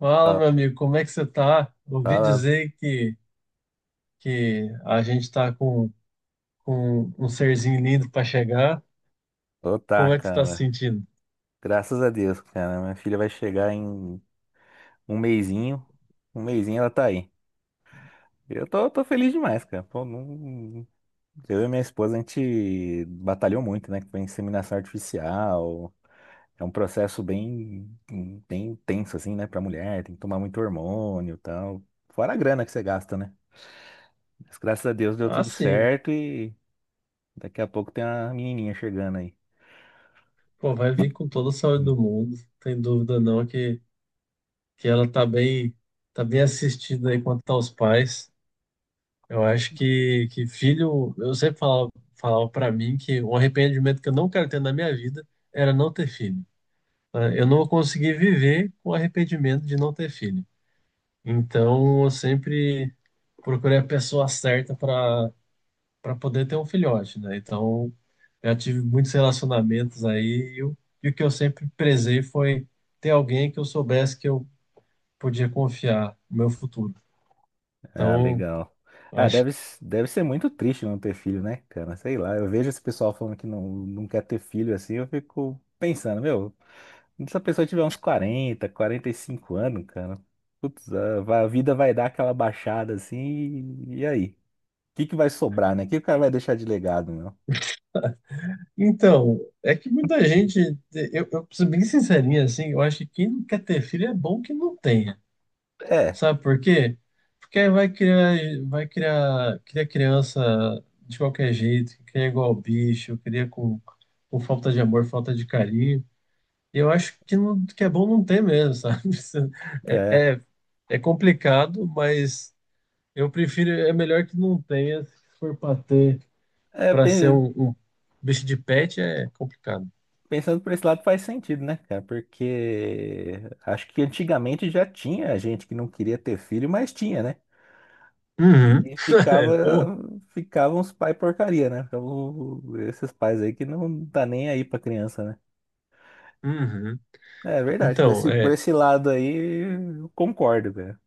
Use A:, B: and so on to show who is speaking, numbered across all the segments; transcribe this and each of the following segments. A: Fala,
B: Fala,
A: meu amigo, como é que você tá? Ouvi
B: fala.
A: dizer que a gente tá com um serzinho lindo para chegar.
B: Ô, tá,
A: Como é que você tá se
B: cara.
A: sentindo?
B: Graças a Deus, cara. Minha filha vai chegar em um mesinho. Um mesinho ela tá aí. Eu tô feliz demais, cara. Pô, eu e minha esposa, a gente batalhou muito, né? Com inseminação artificial. É um processo bem, bem tenso, assim, né? Pra mulher. Tem que tomar muito hormônio e tal. Fora a grana que você gasta, né? Mas graças a Deus deu
A: Ah,
B: tudo
A: sim.
B: certo e daqui a pouco tem uma menininha chegando aí.
A: Pô, vai vir com toda a saúde do mundo. Tem dúvida não que ela tá bem assistida aí quanto aos pais. Eu acho que filho, eu sempre falava para mim que um arrependimento que eu não quero ter na minha vida era não ter filho. Né? Eu não consegui viver com arrependimento de não ter filho. Então, eu sempre procurei a pessoa certa para poder ter um filhote, né? Então, eu tive muitos relacionamentos aí e o que eu sempre prezei foi ter alguém que eu soubesse que eu podia confiar no meu futuro.
B: Ah,
A: Então,
B: legal. Ah,
A: acho
B: deve ser muito triste não ter filho, né, cara? Sei lá, eu vejo esse pessoal falando que não, não quer ter filho assim, eu fico pensando, meu, se a pessoa tiver uns 40, 45 anos, cara, putz, a vida vai dar aquela baixada assim, e aí? O que que vai sobrar, né? O que o cara vai deixar de legado, meu?
A: Então, é que muita gente, eu preciso ser bem sincerinho assim, eu acho que quem não quer ter filho é bom que não tenha.
B: É,
A: Sabe por quê? Porque aí vai criar, cria criança de qualquer jeito, que cria igual bicho, cria com falta de amor, falta de carinho. E eu acho que, não, que é bom não ter mesmo, sabe? Isso É,
B: é,
A: é, é complicado, mas eu prefiro, é melhor que não tenha, se for para ter,
B: é,
A: para ser um bicho de pet é complicado.
B: pensando por esse lado faz sentido, né, cara? Porque acho que antigamente já tinha gente que não queria ter filho, mas tinha, né?
A: Uhum.
B: E
A: Ou-
B: ficavam os pais porcaria, né? Ficavam esses pais aí que não tá nem aí pra criança, né?
A: uhum.
B: É verdade, por
A: Então,
B: esse, por
A: é.
B: esse lado aí, eu concordo, velho.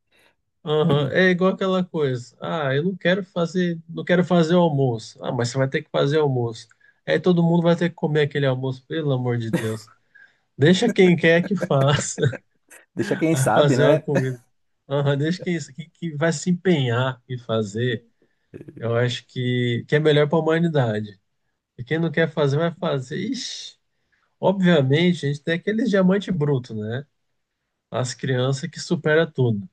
A: Aham, é igual aquela coisa. Ah, eu não quero fazer, não quero fazer o almoço. Ah, mas você vai ter que fazer o almoço. Aí todo mundo vai ter que comer aquele almoço, pelo amor de Deus. Deixa quem quer que faça
B: Deixa quem
A: a
B: sabe,
A: fazer uma
B: né?
A: comida. Aham, deixa quem que vai se empenhar em fazer. Eu acho que é melhor para a humanidade. E quem não quer fazer, vai fazer. Ixi, obviamente, a gente tem aqueles diamante bruto, né? As crianças que supera tudo.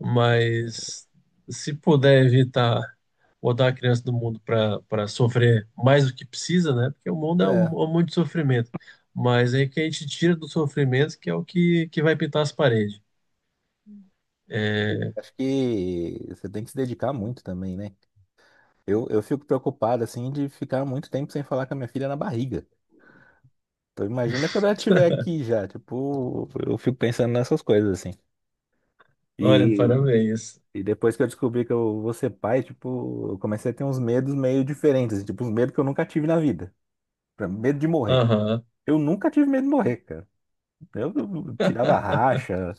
A: Mas se puder evitar botar a criança do mundo para sofrer mais do que precisa, né? Porque o mundo é um,
B: É,
A: um monte de sofrimento. Mas aí que a gente tira do sofrimento, que é o que vai pintar as paredes.
B: e acho que você tem que se dedicar muito também, né? Eu fico preocupado, assim, de ficar muito tempo sem falar com a minha filha na barriga. Então imagina quando ela estiver aqui já, tipo, eu fico pensando nessas coisas, assim.
A: Olha,
B: E
A: parabéns.
B: E depois que eu descobri que eu vou ser pai, tipo, eu comecei a ter uns medos meio diferentes, assim, tipo, uns medos que eu nunca tive na vida. Medo de morrer.
A: Aham.
B: Eu nunca tive medo de morrer, cara. Eu tirava racha,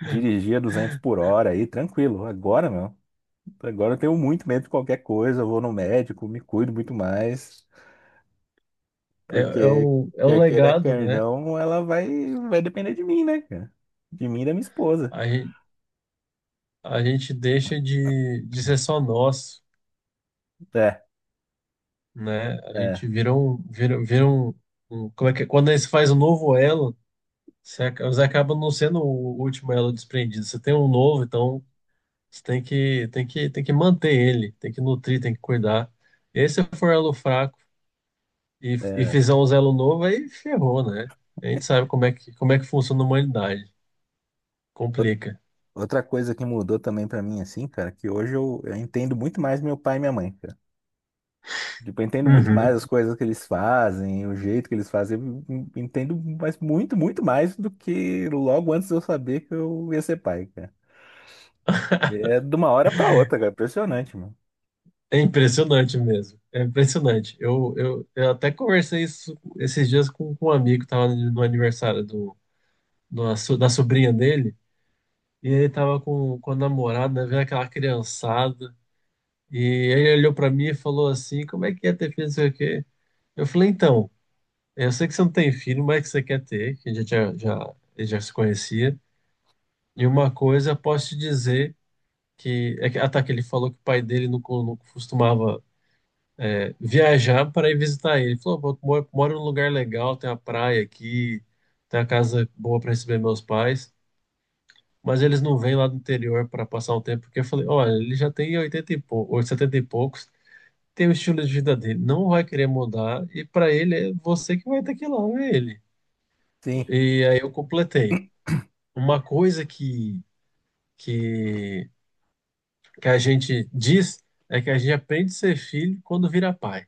B: dirigia 200 por hora aí, tranquilo. Agora, meu, agora eu tenho muito medo de qualquer coisa, eu vou no médico, me cuido muito mais,
A: É, é
B: porque
A: o, é o
B: quer queira,
A: legado,
B: quer
A: né?
B: não, vai depender de mim, né, cara? De mim e da minha esposa.
A: A gente, a gente deixa de ser só nós,
B: É,
A: né? A
B: é,
A: gente vira um, vira, vira um, como é que é? Quando a gente faz um novo elo, Você acaba não sendo o último elo desprendido. Você tem um novo, então você tem que manter ele, tem que nutrir, tem que cuidar. E aí, se for elo fraco e
B: é.
A: fizer um elo novo, aí ferrou, né? A gente sabe como é que funciona a humanidade. Complica.
B: Outra coisa que mudou também pra mim, assim, cara, que hoje eu entendo muito mais meu pai e minha mãe, cara. Tipo, eu entendo muito mais as
A: Uhum.
B: coisas que eles fazem, o jeito que eles fazem. Eu entendo mas muito, muito mais do que logo antes de eu saber que eu ia ser pai, cara. É de uma hora pra outra, cara. Impressionante, mano.
A: É impressionante mesmo. É impressionante. Eu até conversei isso esses dias com um amigo que estava no aniversário do, da sobrinha dele. E ele estava com a namorada, né, vendo aquela criançada. E ele olhou pra mim e falou assim: Como é que é ter filho? Não sei o quê. Eu falei: Então, eu sei que você não tem filho, mas é que você quer ter, que a gente já, ele já se conhecia. E uma coisa, eu posso te dizer Ah, tá, que ele falou que o pai dele não costumava viajar para ir visitar ele. Ele falou: "Pô, eu moro num lugar legal, tem uma praia aqui, tem uma casa boa para receber meus pais. Mas eles não vêm lá do interior para passar um tempo, porque eu falei: Olha, ele já tem 80 e poucose poucos. Tem o estilo de vida dele, não vai querer mudar, e para ele é você que vai ter que ir lá ver ele.
B: Sim,
A: E aí eu completei. Uma coisa que, que a gente diz é que a gente aprende a ser filho quando vira pai.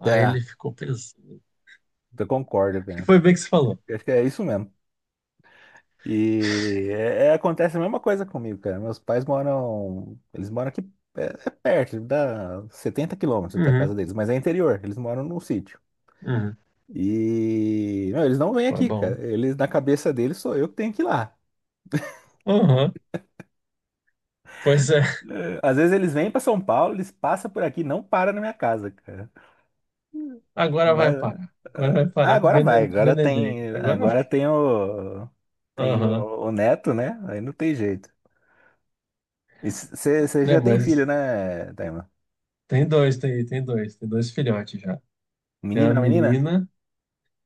A: Aí
B: tá.
A: ele ficou pensando.
B: Eu concordo,
A: Que
B: cara.
A: foi bem que você falou.
B: Eu acho que é isso mesmo. E acontece a mesma coisa comigo, cara. Meus pais moram. Eles moram aqui é perto, dá 70 quilômetros até a casa
A: Uhum,
B: deles, mas é interior, eles moram num sítio.
A: uhum,
B: E não, eles não vêm
A: foi
B: aqui, cara.
A: bom.
B: Eles na cabeça deles sou eu que tenho que ir lá.
A: Aham, pois é,
B: Eh, às vezes eles vêm para São Paulo, eles passam por aqui, não param na minha casa, cara.
A: agora vai
B: Mas é,
A: parar. Agora vai
B: ah,
A: parar para
B: agora
A: Venendei.
B: tem,
A: Agora,
B: agora tem o tem
A: aham,
B: o, o neto, né? Aí não tem jeito. Você
A: né,
B: já tem filho,
A: mas
B: né, Taima?
A: tem dois filhotes já. Tem a
B: Menina, menina?
A: menina.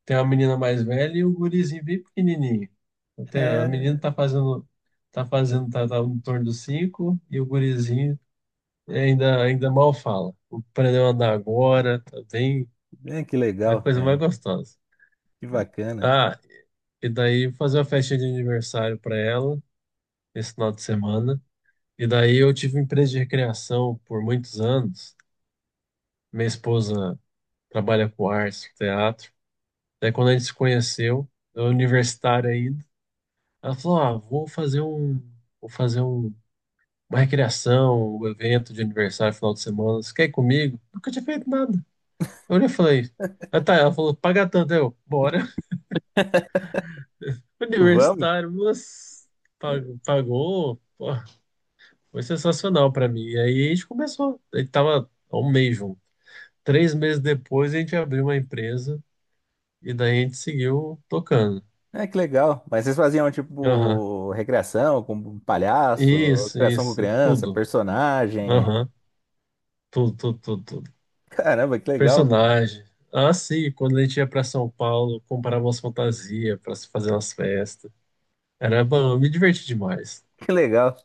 A: Tem uma menina mais velha e o gurizinho bem pequenininho. Então, a menina
B: É,
A: tá em torno dos cinco e o gurizinho ainda mal fala. Aprendeu a andar agora, tá bem,
B: é, que
A: é a
B: legal,
A: coisa mais
B: cara.
A: gostosa.
B: Que bacana.
A: Ah, e daí fazer uma festa de aniversário para ela esse final de semana. E daí eu tive uma empresa de recreação por muitos anos. Minha esposa trabalha com artes, teatro. Daí quando a gente se conheceu, eu universitário ainda. Ela falou: Ah, vou fazer um, vou fazer um, uma recreação, um evento de aniversário final de semana. Você quer ir comigo? Nunca tinha feito nada. Eu olhei e falei: Ah, tá. Ela falou: Paga tanto. Eu, bora.
B: Vamos.
A: Universitário, nossa, pagou, pagou. Pô, foi sensacional pra mim. E aí a gente começou. A gente tava há um mês junto. 3 meses depois a gente abriu uma empresa e daí a gente seguiu tocando.
B: É, que legal. Mas vocês faziam,
A: Aham.
B: tipo, recreação com palhaço,
A: Isso,
B: recreação com
A: isso,
B: criança,
A: tudo.
B: personagem.
A: Aham. Tudo, tudo, tudo, tudo.
B: Caramba, que legal, cara.
A: Personagem. Ah, sim, quando a gente ia pra São Paulo, comprava umas fantasias pra se fazer umas festas. Era bom, eu me diverti demais.
B: Que legal.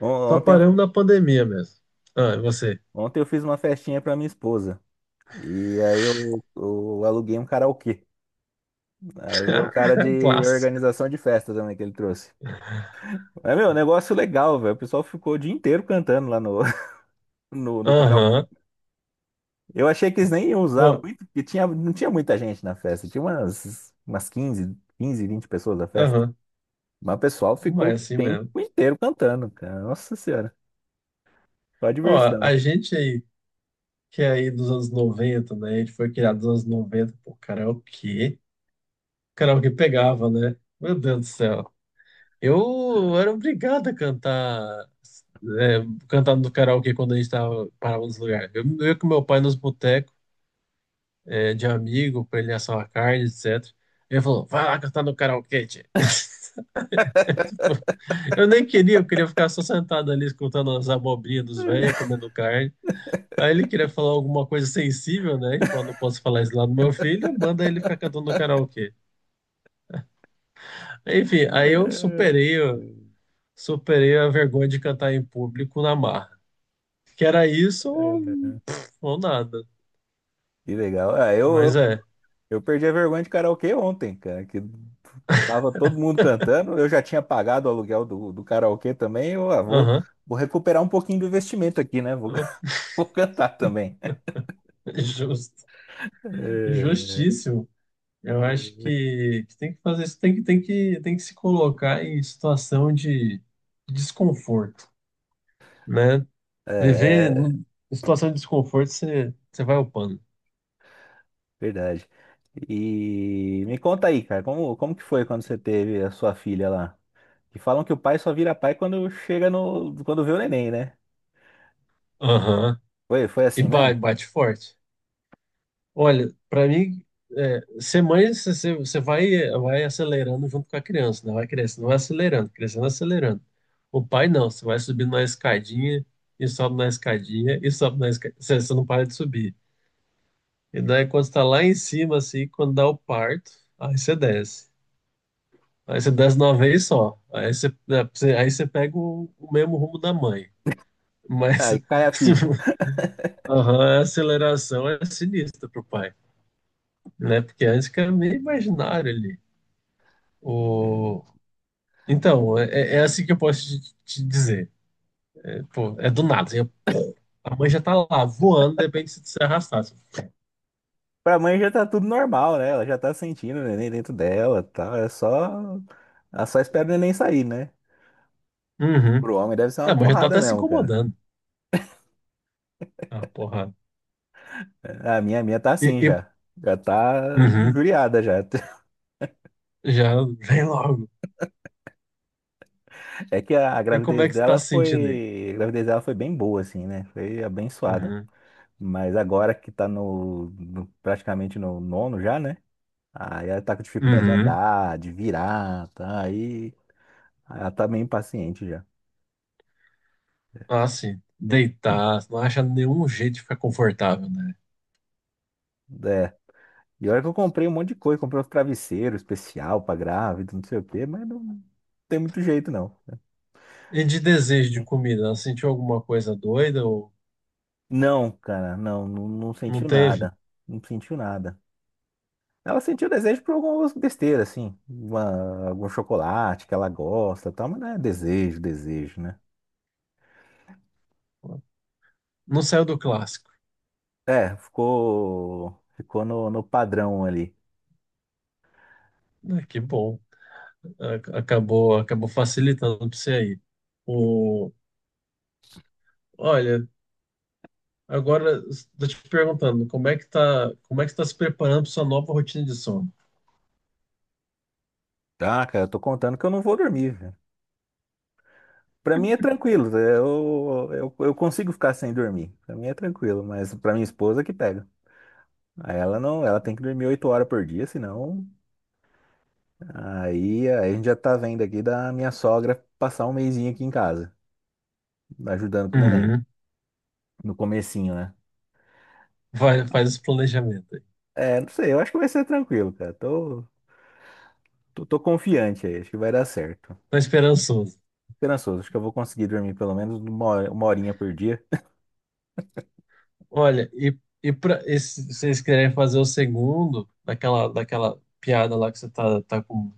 A: Só
B: Ontem,
A: paramos na pandemia mesmo. Ah, e você?
B: ontem eu fiz uma festinha pra minha esposa. E aí eu aluguei um karaokê. Aí veio o cara de
A: Clássico.
B: organização de festa também que ele trouxe. É, meu, negócio legal, velho. O pessoal ficou o dia inteiro cantando lá no karaokê.
A: Aham.
B: Eu achei que eles nem iam usar
A: Bom.
B: muito, porque tinha, não tinha muita gente na festa. Tinha umas, 15 15, 20 pessoas na festa.
A: Aham.
B: Mas o pessoal ficou
A: Mas é
B: o
A: assim mesmo.
B: tempo inteiro cantando, cara. Nossa Senhora, só
A: Ó,
B: diversão.
A: a gente aí, que é aí dos anos 90, né? A gente foi criado dos anos 90, pô, karaokê. Karaokê pegava, né? Meu Deus do céu. Eu era obrigado a cantar cantando no karaokê quando a gente parava nos lugares. Eu ia com meu pai nos botecos, de amigo, pra ele assar uma carne, etc. Ele falou, vai lá cantar no karaokê, tchê. Tipo, eu nem queria, eu queria ficar só sentado ali escutando as abobrinhas dos velhos, comendo carne. Aí ele queria falar alguma coisa sensível, né? Tipo, eu não posso falar isso lá do meu filho, manda ele ficar cantando no karaokê. Enfim, aí eu superei, a vergonha de cantar em público na marra. Que era isso ou nada.
B: Que legal. Ah, eu, eu,
A: Mas é.
B: eu perdi a vergonha de karaokê ontem, cara, que tava todo mundo cantando. Eu já tinha pagado o aluguel do karaokê também. Eu vou,
A: Aham.
B: vou recuperar um pouquinho do investimento aqui, né? Vou, vou cantar também.
A: Justo,
B: É,
A: justíssimo. Eu acho que tem que fazer isso, tem que se colocar em situação de desconforto, né? Viver
B: é
A: em situação de desconforto, você vai upando.
B: verdade. E me conta aí, cara, como que foi quando você teve a sua filha lá? Que falam que o pai só vira pai quando chega no, quando vê o neném, né?
A: Aham.
B: Foi, foi
A: E
B: assim
A: ba-
B: mesmo?
A: bate forte. Olha, para mim, ser mãe, você, você vai acelerando junto com a criança, né? Vai crescendo, vai acelerando, crescendo, acelerando. O pai não, você vai subindo na escadinha, e sobe na escadinha, e sobe na escadinha, você não para de subir. E daí quando você tá lá em cima, assim, quando dá o parto, aí você desce. Aí você desce de uma vez só. Aí você, é, você- aí você pega o mesmo rumo da mãe. Mas
B: Aí cai a ficha.
A: aham, a aceleração é sinistra pro pai, né? Porque antes que era meio imaginário ali. O... Então, é assim que eu posso te dizer. Pô, é do nada, assim, é pô. A mãe já tá lá voando, de repente se arrastasse.
B: Pra mãe já tá tudo normal, né? Ela já tá sentindo o neném dentro dela, tal. É só. Ela só espera o neném sair, né?
A: Uhum.
B: Pro homem deve ser uma
A: A mãe já tá
B: porrada
A: até se
B: mesmo, cara.
A: incomodando. Ah, porra.
B: É, a minha, a minha tá
A: E,
B: assim
A: e-
B: já. Já tá
A: uhum.
B: injuriada já.
A: Já vem logo.
B: É que a
A: E como é
B: gravidez
A: que você tá
B: dela
A: se sentindo aí?
B: foi. A gravidez dela foi bem boa, assim, né? Foi abençoada.
A: Uhum.
B: Mas agora que tá praticamente no nono já, né? Aí ela tá com dificuldade de
A: Uhum.
B: andar, de virar, tá? Aí ela tá meio impaciente já.
A: Ah, sim. Deitar, não acha nenhum jeito de ficar confortável, né?
B: É. E olha que eu comprei um monte de coisa, comprei uns travesseiros especial pra grávida, não sei o quê, mas não tem muito jeito, não.
A: E de desejo de
B: É.
A: comida, ela sentiu alguma coisa doida ou
B: Não, cara, não, não, não
A: não
B: sentiu
A: teve?
B: nada. Não sentiu nada. Ela sentiu desejo por algumas besteiras, assim. Uma, algum chocolate que ela gosta, e tal, mas não é desejo, desejo, né?
A: Não saiu do clássico.
B: É, ficou, ficou no padrão ali.
A: Ah, que bom. Acabou, facilitando para você aí. O... Olha, agora estou te perguntando, como é que está se preparando para sua nova rotina de sono?
B: Tá, cara, eu tô contando que eu não vou dormir, velho. Pra mim é tranquilo, eu consigo ficar sem dormir. Pra mim é tranquilo, mas pra minha esposa que pega. Aí ela não, ela tem que dormir 8 horas por dia, senão aí, aí a gente já tá vendo aqui da minha sogra passar um mesinho aqui em casa, ajudando com o neném,
A: Uhum.
B: no comecinho, né?
A: Vai, faz esse planejamento aí.
B: É, não sei, eu acho que vai ser tranquilo, cara. Tô confiante aí, acho que vai dar certo.
A: Tá esperançoso.
B: Esperançoso, acho que eu vou conseguir dormir pelo menos uma horinha por dia.
A: Olha, e se vocês querem fazer o segundo, daquela piada lá que você tá com,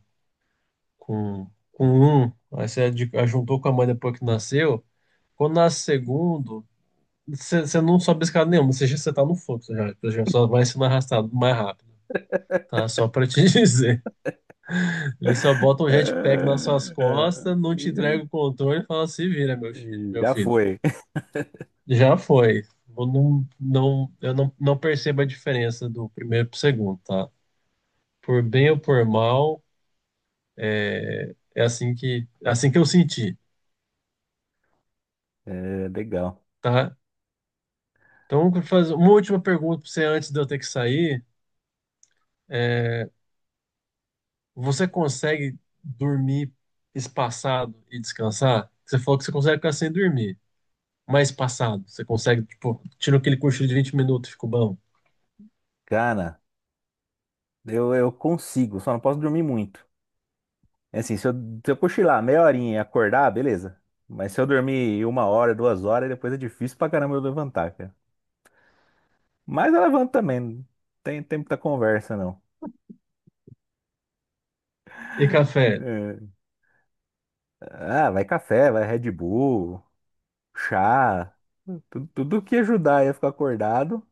A: com, com um, aí você juntou com a mãe depois que nasceu, quando nasce o segundo, você não sobe escada nenhuma, você tá no fluxo já, você já só vai sendo arrastado mais rápido, tá? Só pra te dizer. Eles só botam um jetpack nas suas
B: É,
A: costas, não te
B: é,
A: entrega o controle e fala, se vira, meu filho, meu
B: já
A: filho.
B: foi.
A: Já foi. Eu não percebo a diferença do primeiro pro segundo, tá? Por bem ou por mal, é assim que eu senti,
B: É, legal.
A: tá? Então, eu vou fazer uma última pergunta para você antes de eu ter que sair. Você consegue dormir espaçado e descansar? Você falou que você consegue ficar sem dormir, mas espaçado. Você consegue, tipo, tira aquele cochilo de 20 minutos, ficou bom.
B: Cara, eu consigo, só não posso dormir muito. É assim, se eu cochilar meia horinha e acordar, beleza. Mas se eu dormir uma hora, 2 horas, depois é difícil pra caramba eu levantar, cara. Mas eu levanto também, não tem tempo da conversa, não.
A: E café?
B: É, ah, vai café, vai Red Bull, chá, tudo, tudo que ajudar aí a ficar acordado.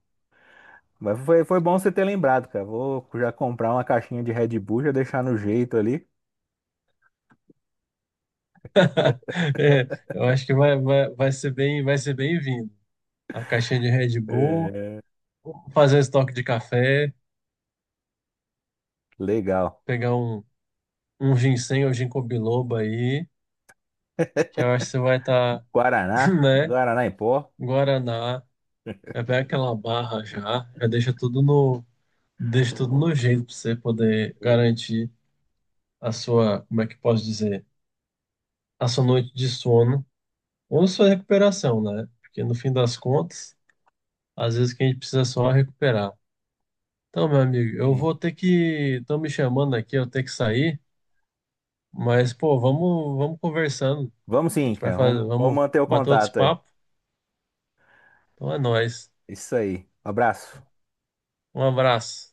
B: Mas foi bom você ter lembrado, cara. Vou já comprar uma caixinha de Red Bull, já deixar no jeito ali.
A: É, eu acho que vai ser bem-vindo. A caixinha de Red Bull,
B: É,
A: fazer um estoque de café,
B: legal.
A: pegar um ginseng ou ginkgo biloba aí, que eu acho que você vai estar
B: Guaraná,
A: né?
B: Guaraná em pó.
A: Guaraná, é bem aquela barra já, já deixa tudo no jeito para você poder
B: Sim.
A: garantir a sua, como é que posso dizer, a sua noite de sono ou sua recuperação, né? Porque no fim das contas, às vezes o que a gente precisa é só recuperar. Então, meu amigo, eu vou ter que, estão me chamando aqui, eu tenho que sair, mas pô, vamos, conversando.
B: Vamos
A: A
B: sim,
A: gente vai
B: cara.
A: fazer,
B: Vamos
A: vamos
B: manter o
A: bater outros
B: contato aí.
A: papos. Então é nóis.
B: Isso aí. Abraço.
A: Um abraço.